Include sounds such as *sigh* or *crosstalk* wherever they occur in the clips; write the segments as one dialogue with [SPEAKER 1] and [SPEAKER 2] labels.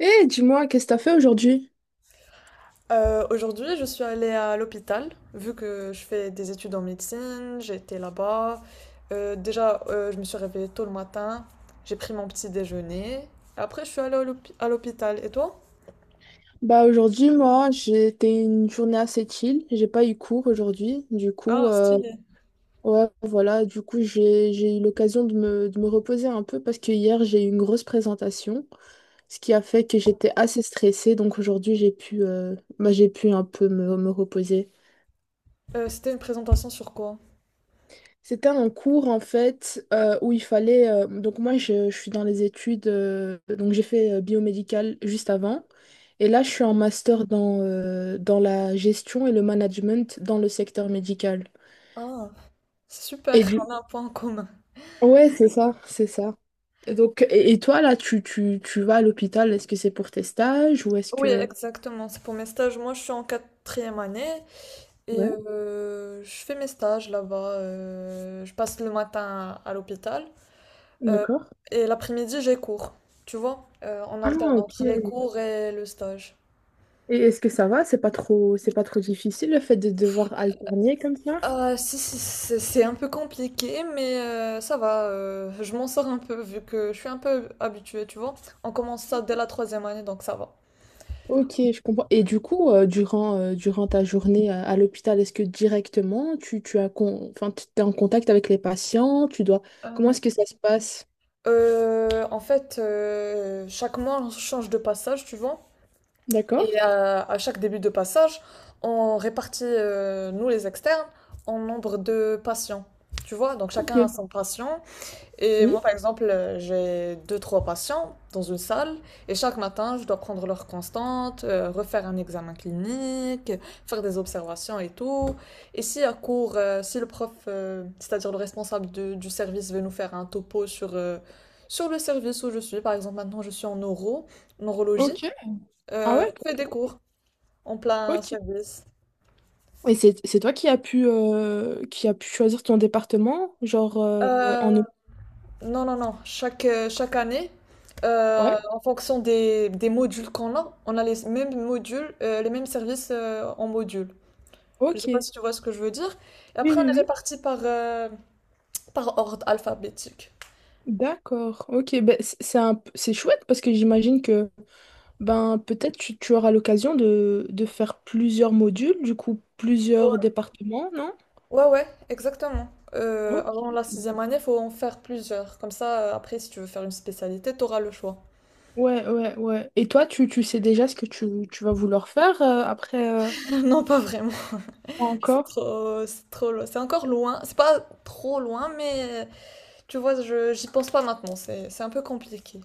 [SPEAKER 1] Eh, dis-moi, qu'est-ce que t'as fait aujourd'hui?
[SPEAKER 2] Aujourd'hui, je suis allée à l'hôpital, vu que je fais des études en médecine, j'étais là-bas. Déjà, je me suis réveillée tôt le matin, j'ai pris mon petit déjeuner. Après, je suis allée à l'hôpital. Et toi?
[SPEAKER 1] Bah aujourd'hui, moi, j'étais une journée assez chill. J'ai pas eu cours aujourd'hui. Du coup,
[SPEAKER 2] Ah, stylé.
[SPEAKER 1] ouais, voilà. Du coup, j'ai eu l'occasion de me reposer un peu parce que hier, j'ai eu une grosse présentation, ce qui a fait que j'étais assez stressée. Donc aujourd'hui, j'ai pu, bah, j'ai pu un peu me reposer.
[SPEAKER 2] C'était une présentation sur quoi?
[SPEAKER 1] C'était un cours en fait où il fallait. Donc moi je suis dans les études, donc j'ai fait biomédical juste avant. Et là je suis en master dans, dans la gestion et le management dans le secteur médical.
[SPEAKER 2] Ah, c'est super,
[SPEAKER 1] Et
[SPEAKER 2] *laughs*
[SPEAKER 1] du...
[SPEAKER 2] on a un point en commun.
[SPEAKER 1] Ouais, c'est ça, c'est ça. Et toi là, tu vas à l'hôpital, est-ce que c'est pour tes stages ou est-ce
[SPEAKER 2] Oui,
[SPEAKER 1] que...
[SPEAKER 2] exactement, c'est pour mes stages. Moi, je suis en quatrième année et
[SPEAKER 1] Ouais,
[SPEAKER 2] je fais mes stages là-bas. Je passe le matin à l'hôpital. Euh,
[SPEAKER 1] d'accord.
[SPEAKER 2] et l'après-midi, j'ai cours, tu vois, on
[SPEAKER 1] Ah,
[SPEAKER 2] alterne
[SPEAKER 1] ok.
[SPEAKER 2] entre les cours et le stage.
[SPEAKER 1] Et est-ce que ça va? C'est pas trop difficile le fait de devoir alterner comme ça?
[SPEAKER 2] Ah, si, c'est un peu compliqué, mais ça va, je m'en sors un peu vu que je suis un peu habituée, tu vois. On commence ça dès la troisième année, donc ça va.
[SPEAKER 1] Ok, je comprends. Et du coup, durant ta journée à l'hôpital, est-ce que directement tu as enfin, tu es en contact avec les patients, tu dois... Comment
[SPEAKER 2] Euh,
[SPEAKER 1] est-ce que ça se passe?
[SPEAKER 2] En fait, chaque mois, on change de passage, tu vois. Et
[SPEAKER 1] D'accord.
[SPEAKER 2] à chaque début de passage, on répartit, nous les externes, en nombre de patients, tu vois. Donc
[SPEAKER 1] Ok.
[SPEAKER 2] chacun a son patient. Et moi,
[SPEAKER 1] Oui.
[SPEAKER 2] par exemple, j'ai deux, trois patients dans une salle, et chaque matin, je dois prendre leur constante, refaire un examen clinique, faire des observations et tout. Et si à court, si le prof, c'est-à-dire le responsable du service, veut nous faire un topo sur, sur le service où je suis, par exemple, maintenant je suis en neurologie,
[SPEAKER 1] Ok. Ah ouais,
[SPEAKER 2] on fait des cours en plein
[SPEAKER 1] ok.
[SPEAKER 2] service.
[SPEAKER 1] Et c'est toi qui as pu qui a pu choisir ton département, genre
[SPEAKER 2] Euh,
[SPEAKER 1] en
[SPEAKER 2] Non, non, non. Chaque, chaque année,
[SPEAKER 1] Ouais.
[SPEAKER 2] en fonction des modules qu'on a, on a les mêmes modules, les mêmes services en module. Je ne
[SPEAKER 1] Ok.
[SPEAKER 2] sais pas
[SPEAKER 1] Oui
[SPEAKER 2] si tu vois ce que je veux dire. Et
[SPEAKER 1] oui
[SPEAKER 2] après, on est
[SPEAKER 1] oui.
[SPEAKER 2] répartis par, par ordre alphabétique.
[SPEAKER 1] D'accord. Ok. Ben, c'est chouette parce que j'imagine que ben, peut-être tu auras l'occasion de faire plusieurs modules, du coup plusieurs
[SPEAKER 2] Ouais,
[SPEAKER 1] départements, non?
[SPEAKER 2] ouais, ouais, exactement.
[SPEAKER 1] Ok.
[SPEAKER 2] Avant la sixième année, il faut en faire plusieurs. Comme ça, après, si tu veux faire une spécialité, tu auras le choix.
[SPEAKER 1] Ouais. Et toi, tu sais déjà ce que tu vas vouloir faire après.
[SPEAKER 2] *laughs* Non, pas vraiment.
[SPEAKER 1] Pas encore?
[SPEAKER 2] C'est trop, c'est encore loin. C'est pas trop loin, mais tu vois, j'y pense pas maintenant. C'est un peu compliqué.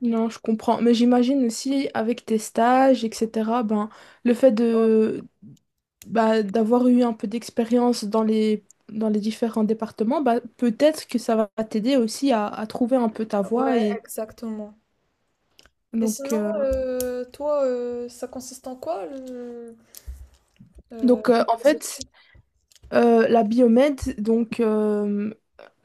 [SPEAKER 1] Non, je comprends. Mais j'imagine aussi avec tes stages, etc., ben, le fait de bah, d'avoir eu un peu d'expérience dans les différents départements, bah, peut-être que ça va t'aider aussi à trouver un peu ta
[SPEAKER 2] Ouais,
[SPEAKER 1] voie.
[SPEAKER 2] exactement. Et
[SPEAKER 1] Donc,
[SPEAKER 2] sinon,
[SPEAKER 1] euh,
[SPEAKER 2] toi, ça consiste en quoi euh,
[SPEAKER 1] donc euh, en
[SPEAKER 2] tes
[SPEAKER 1] fait,
[SPEAKER 2] études?
[SPEAKER 1] La biomède,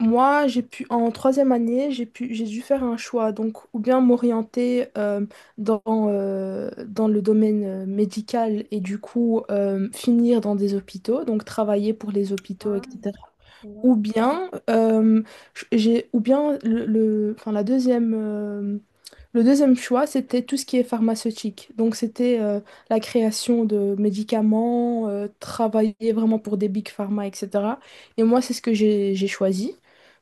[SPEAKER 1] moi j'ai pu en troisième année j'ai dû faire un choix donc ou bien m'orienter dans dans le domaine médical et du coup finir dans des hôpitaux donc travailler pour les hôpitaux
[SPEAKER 2] Hein.
[SPEAKER 1] etc.
[SPEAKER 2] Ouais.
[SPEAKER 1] Ou bien j'ai ou bien le- enfin la deuxième le deuxième choix, c'était tout ce qui est pharmaceutique. Donc, c'était la création de médicaments, travailler vraiment pour des big pharma, etc. Et moi, c'est ce que j'ai choisi.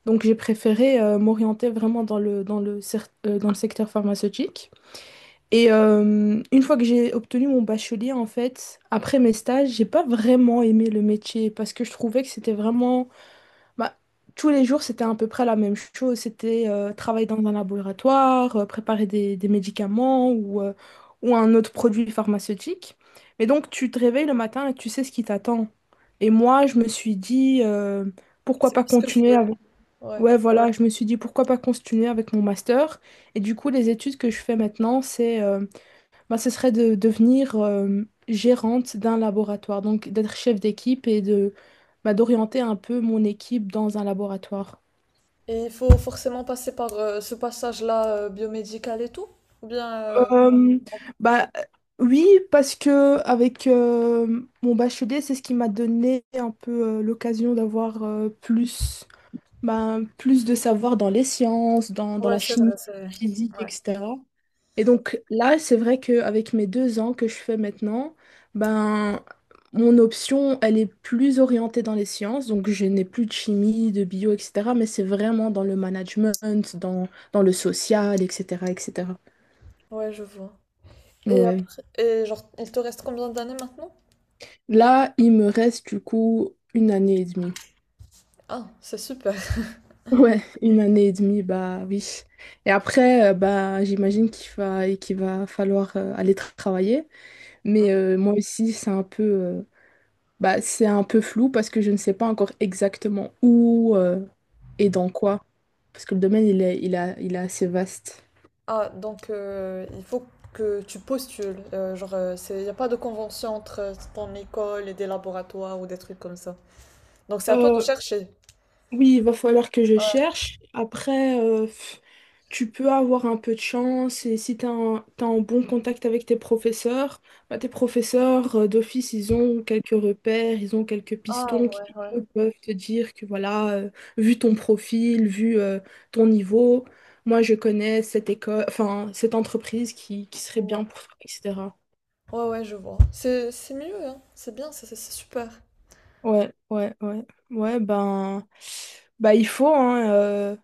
[SPEAKER 1] Donc, j'ai préféré m'orienter vraiment dans le secteur pharmaceutique. Et une fois que j'ai obtenu mon bachelier, en fait, après mes stages, j'ai pas vraiment aimé le métier parce que je trouvais que c'était vraiment bah, tous les jours, c'était à peu près la même chose. C'était travailler dans un laboratoire, préparer des médicaments ou un autre produit pharmaceutique. Mais donc, tu te réveilles le matin et tu sais ce qui t'attend. Et moi, je me suis dit, pourquoi
[SPEAKER 2] C'est
[SPEAKER 1] pas
[SPEAKER 2] ce que je
[SPEAKER 1] continuer
[SPEAKER 2] veux.
[SPEAKER 1] avec...
[SPEAKER 2] Ouais.
[SPEAKER 1] Ouais, voilà, je me suis dit, pourquoi pas continuer avec mon master. Et du coup, les études que je fais maintenant, c'est... bah, ce serait de devenir gérante d'un laboratoire, donc d'être chef d'équipe et de bah, d'orienter un peu mon équipe dans un laboratoire.
[SPEAKER 2] Et il faut forcément passer par ce passage-là biomédical et tout? Ou bien...
[SPEAKER 1] Euh, Bah, oui, parce que avec mon bachelier, c'est ce qui m'a donné un peu l'occasion d'avoir bah, plus de savoir dans les sciences, dans
[SPEAKER 2] Ouais,
[SPEAKER 1] la
[SPEAKER 2] c'est
[SPEAKER 1] chimie,
[SPEAKER 2] vrai, c'est vrai.
[SPEAKER 1] la physique,
[SPEAKER 2] Ouais.
[SPEAKER 1] etc. Et donc là, c'est vrai qu'avec mes deux ans que je fais maintenant, ben, mon option, elle est plus orientée dans les sciences. Donc je n'ai plus de chimie, de bio, etc. Mais c'est vraiment dans le management, dans, dans le social, etc., etc.
[SPEAKER 2] Ouais, je vois. Et
[SPEAKER 1] Ouais.
[SPEAKER 2] après, et genre, il te reste combien d'années maintenant?
[SPEAKER 1] Là, il me reste du coup une année et demie.
[SPEAKER 2] Ah, c'est super. *laughs*
[SPEAKER 1] Ouais, une année et demie, bah oui. Et après, bah j'imagine qu'il va falloir travailler. Mais moi aussi, c'est un peu... Bah, c'est un peu flou parce que je ne sais pas encore exactement où et dans quoi. Parce que le domaine, il est assez vaste.
[SPEAKER 2] Ah, donc il faut que tu postules. Genre, il n'y a pas de convention entre ton école et des laboratoires ou des trucs comme ça. Donc c'est à toi de
[SPEAKER 1] Euh,
[SPEAKER 2] chercher.
[SPEAKER 1] Oui, il va falloir que je cherche. Après, tu peux avoir un peu de chance et si t'as un bon contact avec tes professeurs, bah, tes professeurs d'office, ils ont quelques repères, ils ont quelques
[SPEAKER 2] Ah
[SPEAKER 1] pistons
[SPEAKER 2] ouais,
[SPEAKER 1] qui
[SPEAKER 2] ouais.
[SPEAKER 1] eux, peuvent te dire que voilà, vu ton profil, vu ton niveau, moi je connais cette école, enfin cette entreprise qui serait
[SPEAKER 2] Ouais,
[SPEAKER 1] bien pour toi, etc.
[SPEAKER 2] ouais, ouais, je vois. C'est mieux, hein. C'est bien, c'est super.
[SPEAKER 1] Ouais, ouais, ouais. Ouais, ben, bah, il faut, hein,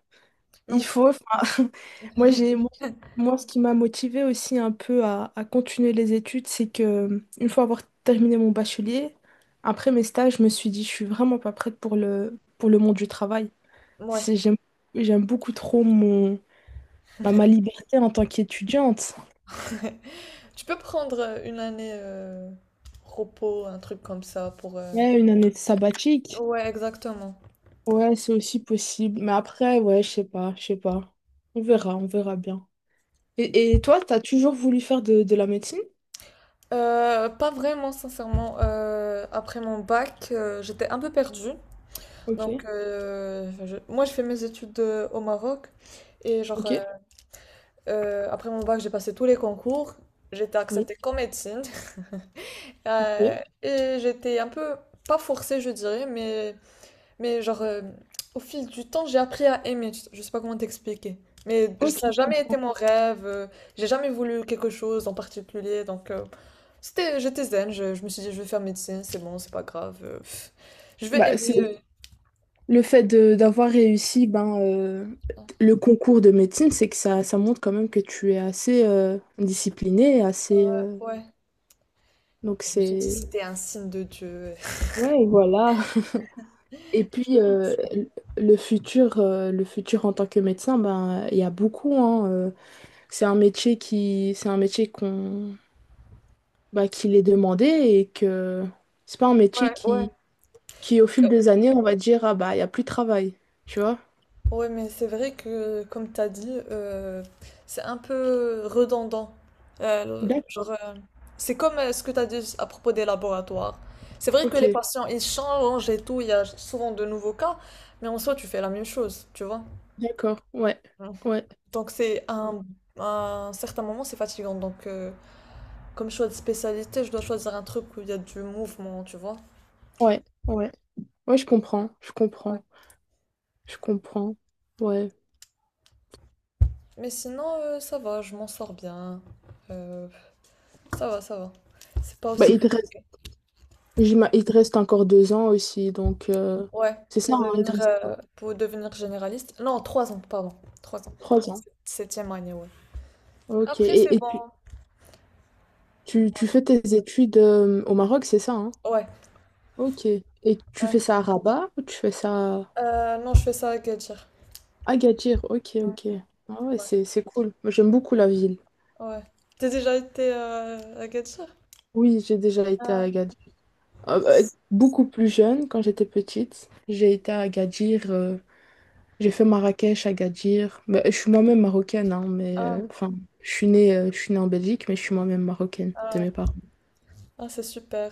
[SPEAKER 2] Mais
[SPEAKER 1] il faut, enfin, *laughs* moi j'ai moi, j'ai- moi, ce qui m'a motivée aussi un peu à continuer les études, c'est que une fois avoir terminé mon bachelier, après mes stages, je me suis dit je suis vraiment pas prête pour le monde du travail.
[SPEAKER 2] ouais.
[SPEAKER 1] J'aime beaucoup trop mon bah, ma liberté en tant qu'étudiante.
[SPEAKER 2] *laughs* Tu peux prendre une année repos, un truc comme ça pour...
[SPEAKER 1] Ouais, une année sabbatique.
[SPEAKER 2] Ouais, exactement.
[SPEAKER 1] Ouais, c'est aussi possible. Mais après, ouais, je sais pas, je sais pas. On verra bien. Et toi, t'as toujours voulu faire de la médecine?
[SPEAKER 2] Pas vraiment, sincèrement. Après mon bac, j'étais un peu perdue. Donc,
[SPEAKER 1] Ok,
[SPEAKER 2] moi, je fais mes études au Maroc. Et genre,
[SPEAKER 1] ok,
[SPEAKER 2] après mon bac, j'ai passé tous les concours. J'étais
[SPEAKER 1] oui,
[SPEAKER 2] acceptée qu'en médecine.
[SPEAKER 1] ok.
[SPEAKER 2] Et j'étais un peu, pas forcée, je dirais, mais genre, au fil du temps, j'ai appris à aimer. Je sais pas comment t'expliquer. Mais ça n'a
[SPEAKER 1] Ok.
[SPEAKER 2] jamais été mon rêve. J'ai jamais voulu quelque chose en particulier. Donc, c'était, j'étais zen. Je me suis dit, je vais faire médecine, c'est bon, c'est pas grave. Je vais
[SPEAKER 1] Bah,
[SPEAKER 2] aimer.
[SPEAKER 1] c'est d'avoir réussi ben, le concours de médecine, c'est que ça montre quand même que tu es assez discipliné, assez
[SPEAKER 2] Ouais.
[SPEAKER 1] donc
[SPEAKER 2] Je me suis dit,
[SPEAKER 1] c'est
[SPEAKER 2] c'était un signe de Dieu. *laughs*
[SPEAKER 1] Ouais, voilà. Et puis
[SPEAKER 2] Je-
[SPEAKER 1] le futur en tant que médecin, ben il y a beaucoup hein, c'est un métier qu'on bah, qu'il est demandé et que c'est pas un métier
[SPEAKER 2] Ouais, ouais.
[SPEAKER 1] qui au fil des années, on va dire ah bah il y a plus de travail, tu vois?
[SPEAKER 2] Ouais, mais c'est vrai que, comme t'as dit, c'est un peu redondant. Genre,
[SPEAKER 1] D'accord.
[SPEAKER 2] c'est comme ce que t'as dit à propos des laboratoires. C'est vrai que les
[SPEAKER 1] Ok.
[SPEAKER 2] patients, ils changent et tout, il y a souvent de nouveaux cas, mais en soi, tu fais la même chose, tu vois.
[SPEAKER 1] D'accord,
[SPEAKER 2] Mm.
[SPEAKER 1] ouais,
[SPEAKER 2] Donc, un certain moment, c'est fatigant. Donc, comme choix de spécialité, je dois choisir un truc où il y a du mouvement, tu vois.
[SPEAKER 1] ouais. Ouais, je comprends, je
[SPEAKER 2] Ouais.
[SPEAKER 1] comprends, je comprends. Ouais.
[SPEAKER 2] Mais sinon, ça va, je m'en sors bien. Euh, Ça va, ça va. C'est pas
[SPEAKER 1] Bah,
[SPEAKER 2] aussi compliqué.
[SPEAKER 1] il te reste encore deux ans aussi, donc
[SPEAKER 2] Ouais,
[SPEAKER 1] c'est ça, hein, il te reste quoi
[SPEAKER 2] pour devenir généraliste. Non, trois ans, pardon. Trois ans.
[SPEAKER 1] trois ans.
[SPEAKER 2] Septième année, ouais.
[SPEAKER 1] Ok,
[SPEAKER 2] Après, c'est bon.
[SPEAKER 1] tu fais tes études au Maroc, c'est ça, hein?
[SPEAKER 2] Ouais.
[SPEAKER 1] Ok. Et tu
[SPEAKER 2] Ouais.
[SPEAKER 1] fais ça à Rabat ou tu fais ça à
[SPEAKER 2] Non, je fais ça à Agadir.
[SPEAKER 1] Agadir? Ok,
[SPEAKER 2] Ouais.
[SPEAKER 1] ok. Ah ouais,
[SPEAKER 2] Ouais.
[SPEAKER 1] c'est cool. Moi, j'aime beaucoup la ville.
[SPEAKER 2] Ouais. T'as déjà été à Agadir?
[SPEAKER 1] Oui, j'ai déjà été à
[SPEAKER 2] Ah,
[SPEAKER 1] Agadir. Beaucoup plus jeune, quand j'étais petite, j'ai été à Agadir. J'ai fait Marrakech, Agadir. Bah, je suis moi-même marocaine, hein,
[SPEAKER 2] ah,
[SPEAKER 1] je suis née en Belgique, mais je suis moi-même marocaine de
[SPEAKER 2] ah,
[SPEAKER 1] mes parents.
[SPEAKER 2] ah, c'est super.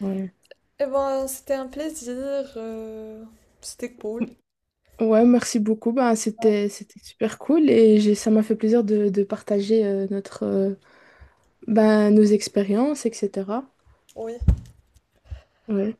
[SPEAKER 1] Ouais.
[SPEAKER 2] Eh ben, c'était un plaisir. euh, C'était cool.
[SPEAKER 1] Ouais, merci beaucoup. Ben, c'était, c'était super cool et j'ai, ça m'a fait plaisir de partager ben, nos expériences, etc.
[SPEAKER 2] Oui.
[SPEAKER 1] Ouais.